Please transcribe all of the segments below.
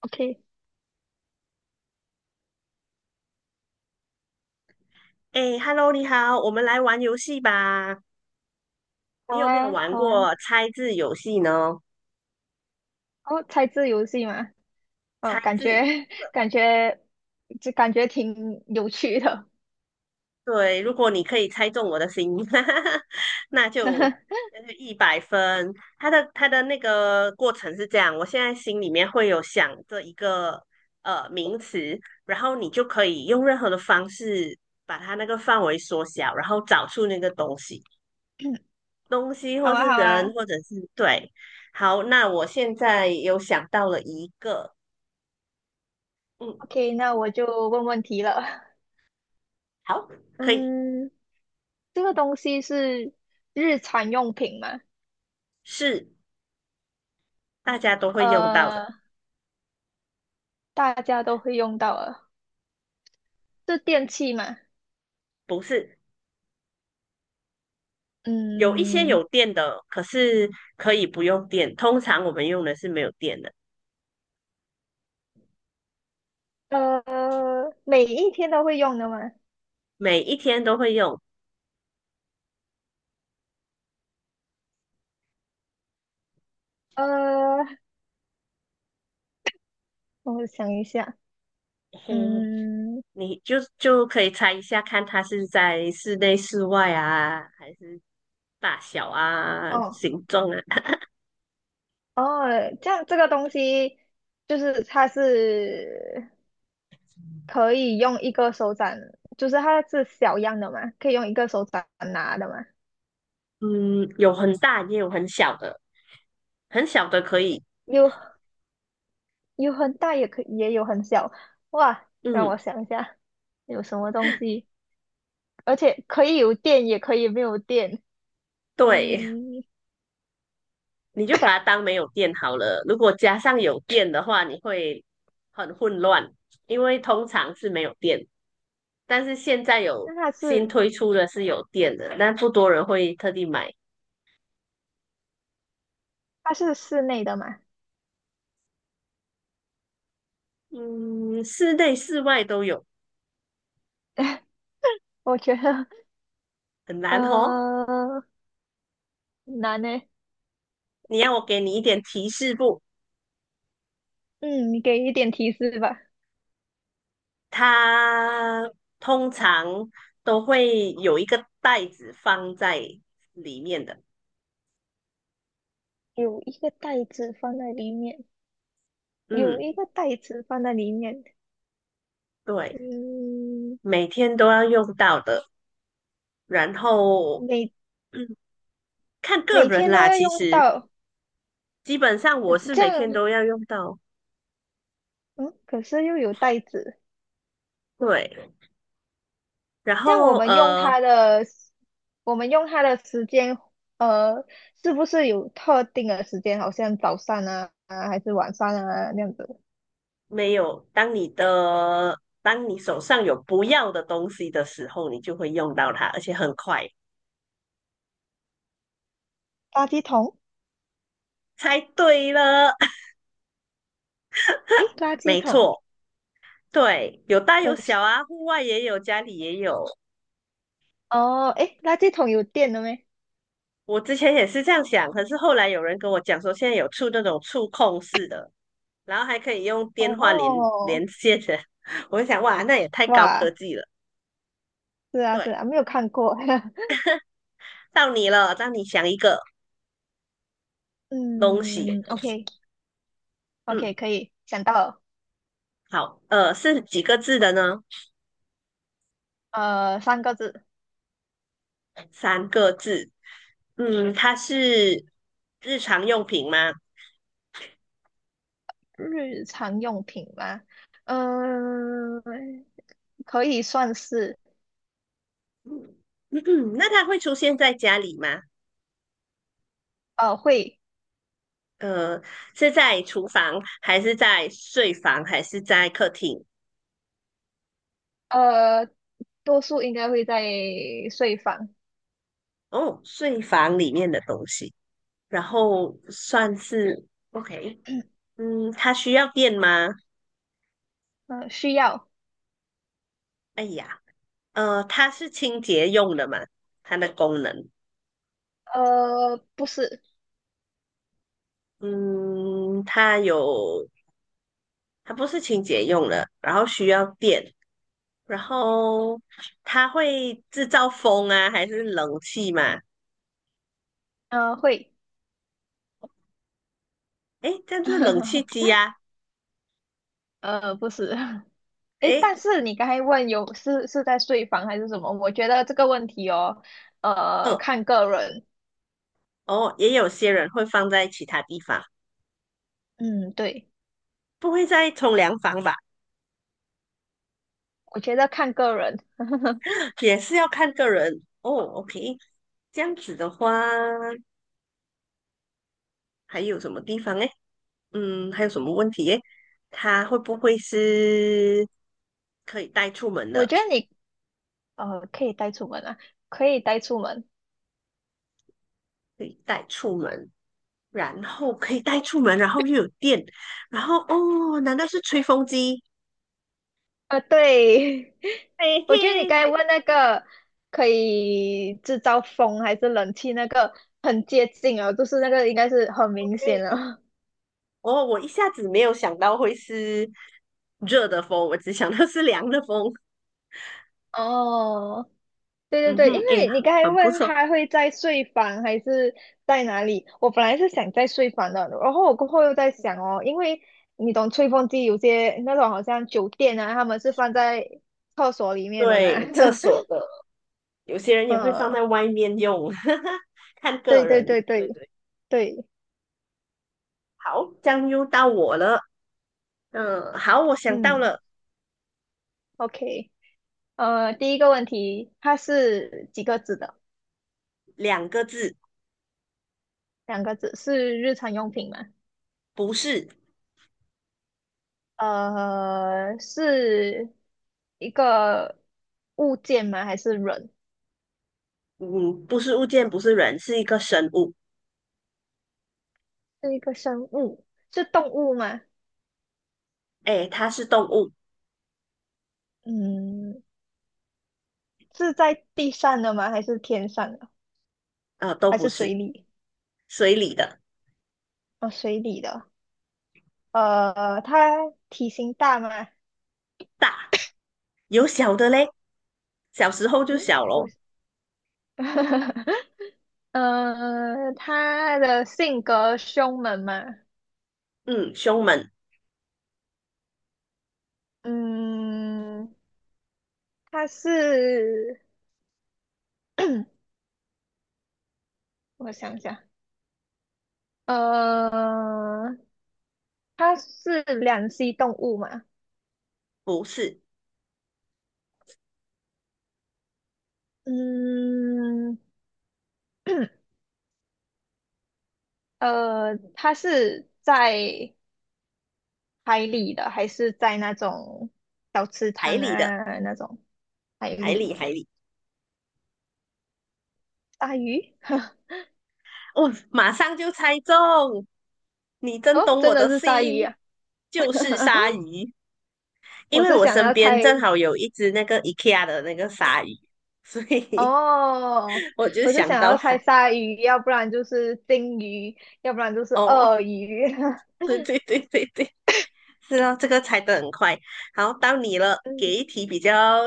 OK，哎，Hello，你好，我们来玩游戏吧。你好有没有啊，玩好啊，过猜字游戏呢？哦，猜字游戏嘛，哦，猜感觉 字，感觉挺有趣的，对，如果你可以猜中我的心，那 哈就哈，那就100分。它的那个过程是这样，我现在心里面会有想这一个名词，然后你就可以用任何的方式把它那个范围缩小，然后找出那个东西，东西好或啊，是好人，啊或者是对。好，那我现在有想到了一个。嗯，，OK，那我就问问题了，好，可以，嗯，这个东西是日常用品嘛，是大家都会用到的，呃，大家都会用到的，是电器嘛，不是，有一些嗯，有电的，可是可以不用电。通常我们用的是没有电的，呃，每一天都会用的嘛，每一天都会用。呃，我想一下，嘿，嗯。你就可以猜一下，看它是在室内、室外啊，还是大小啊、哦。形状啊？哦，这样这个东西就是它是可以用一个手掌，就是它是小样的嘛，可以用一个手掌拿的嘛，嗯，有很大也有很小的，很小的可以。有有很大也有很小，哇，让嗯，我想一下有什么东西，而且可以有电也可以没有电，对，嗯，你就把它当没有电好了。如果加上有电的话，你会很混乱，因为通常是没有电，但是现在有那它新是推出的是有电的，但不多人会特地买。它是室内的嘛？嗯，室内室外都有，我觉得很难哦。呃难呢，你要我给你一点提示不？嗯，你给一点提示吧，它通常都会有一个袋子放在里面的。有一个袋子放在里面。有嗯，一个袋子放在里面，对，嗯，每天都要用到的。然后，每 嗯。看个每人天都啦，要其用实到，基本上我是这每天样，都要用到，嗯，可是又有袋子，对。然这样我后们用呃，它的，我们用它的时间，呃，是不是有特定的时间？好像早上啊，啊还是晚上啊那样子。没有，当你的当你手上有不要的东西的时候，你就会用到它，而且很快。垃圾桶，猜对了，诶，垃 圾没桶，错，对，有大可有是，小啊，户外也有，家里也有。哦，诶，垃圾桶有电了没？我之前也是这样想，可是后来有人跟我讲说，现在有那种触控式的，然后还可以用电话连哦，连线的，我就想哇，那也太高科哇，技了。是啊，是对，啊，没有看过，到你了，让你想一个 东西。嗯，OK，OK，嗯，可以，想到了。好，是几个字的呢？三个字，三个字。嗯，它是日常用品吗？日常用品吗？嗯、可以算是，嗯，那它会出现在家里吗？会，呃，是在厨房，还是在睡房，还是在客厅？呃，多数应该会在睡房，哦，睡房里面的东西，然后算是 OK。嗯，它需要电吗？需要，哎呀，它是清洁用的嘛，它的功能。不是，嗯，它有，它不是清洁用的，然后需要电，然后它会制造风啊，还是冷气嘛？会，诶，这样就是冷气机 呀、不是，诶，诶，但是你刚才问有是在睡房还是什么？我觉得这个问题哦，哦，看个人，哦，也有些人会放在其他地方，嗯，对，不会在冲凉房吧？我觉得看个人，也是要看个人。哦，OK，这样子的话，还有什么地方诶？嗯，还有什么问题诶？它会不会是可以带出门我的？觉得你可以带出门啊，可以带出门。可以带出门。然后可以带出门，然后又有电，然后哦，难道是吹风机？啊，对，嘿我觉得你嘿，刚才才问那个可以制造风还是冷气那个很接近哦，就是那个应该是很明显对。了。哦，我一下子没有想到会是热的风，我只想到是凉的风。哦，对对嗯对，因哼，哎，为你刚才很不问错。他会在睡房还是在哪里，我本来是想在睡房的，然后我过后又在想哦，因为你懂吹风机有些那种好像酒店啊，他们是放在厕所里面的嘛，对，厕所的，有些人 也会放在嗯，外面用，看对个对对人。对对对，对，好，这样又到我了。嗯，好，我想到嗯了，OK。第一个问题，它是几个字的？两个字，两个字，是日常用品吗？不是，是一个物件吗？还是人？嗯，不是物件，不是人，是一个生物。是一个生物？是动物吗？哎，它是动物，嗯，是在地上的吗？还是天上的？都还不是水是。里？水里的哦，水里的。它体型大吗？大，有小的嘞，小时候就嗯，小有。咯。它的性格凶猛吗？嗯，胸门嗯，它是 我想想，呃，它是两栖动物嘛？不是嗯，它是在海里的，还是在那种小池海塘里的，啊那种海海里？里海里，鲨鱼？哦，马上就猜中，你真哦，懂真我的的是鲨鱼心，呀、啊！就是鲨 鱼，因我为是我想身要边猜正好有一只那个 IKEA 的那个鲨鱼，所以 哦，我就我是想想到要它。猜鲨鱼，要不然就是鲸鱼，要不然就是哦，鳄鱼。对对对对对，是啊，这个猜得很快。好，到你了，给嗯 一题比较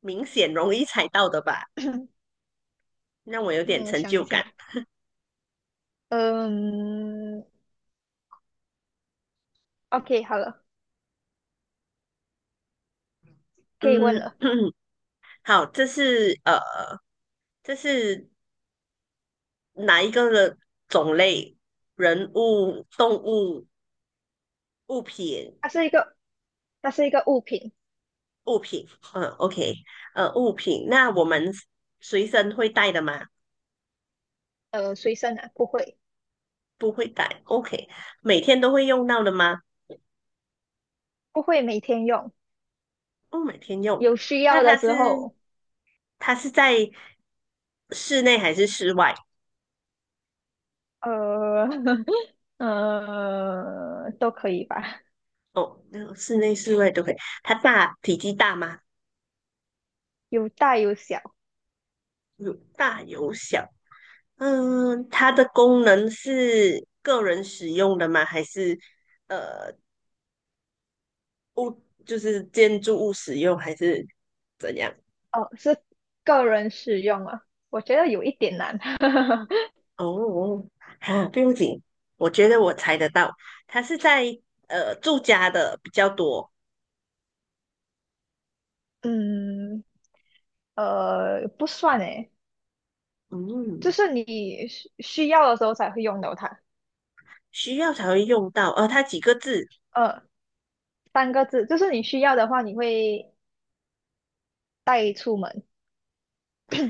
明显、容易猜到的吧，让我有点嗯，我成想一就感。下，嗯，OK，好了，可以问嗯，了。好，这是哪一个的种类？人物、动物、物品、它是一个，它是一个物品，物品。嗯，OK，物品。那我们随身会带的吗？随身的，不会，不会带。OK，每天都会用到的吗？不会每天用，不，每天用。有需那要的它时是候，它是在室内还是室外？呃，都可以吧，哦，那个室内、室外都可以。体积大吗？有大有小，有大有小。嗯，它的功能是个人使用的吗？还是呃就是建筑物使用，还是怎样？哦，是个人使用啊，我觉得有一点难，哦，哈，不用紧，我觉得我猜得到，它是在住家的比较多，嗯，不算诶，就嗯，是你需要的时候才会用到它，需要才会用到。它几个字，呃，三个字，就是你需要的话，你会。带出门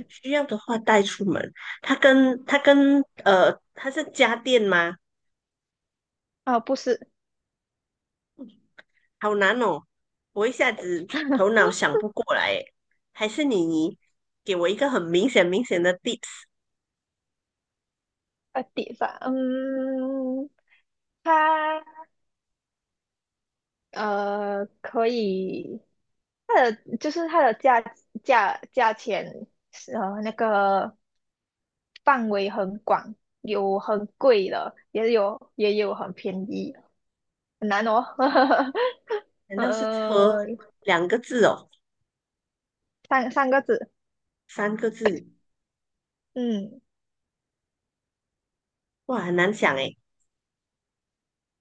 需要的话带出门。它是家电吗？啊，不是，好难哦，我一下子头 脑想不过来耶，还是你给我一个很明显的 tips？在地方，嗯，它可以，它的就是它的价钱是那个范围很广，有很贵的，也有很便宜的很难哦，难道是车，呃，2个字哦，三个字，三个字？嗯哇，很难想诶。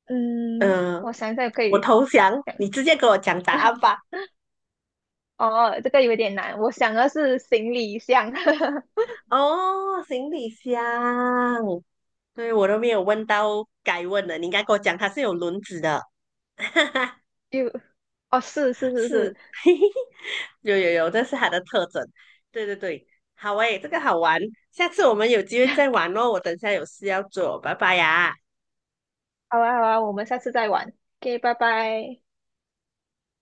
嗯，呃，我想一下可我以，投降，你直接给我讲答案 吧。哦，这个有点难，我想的是行李箱。哦，行李箱，对，我都没有问到该问的，你应该给我讲它是有轮子的，就，哦，是是是是，是，有有有，这是它的特征。对对对，好诶，这个好玩，下次我们有机会再玩哦。我等下有事要做，拜拜呀。好啊好啊，我们下次再玩，OK，拜拜。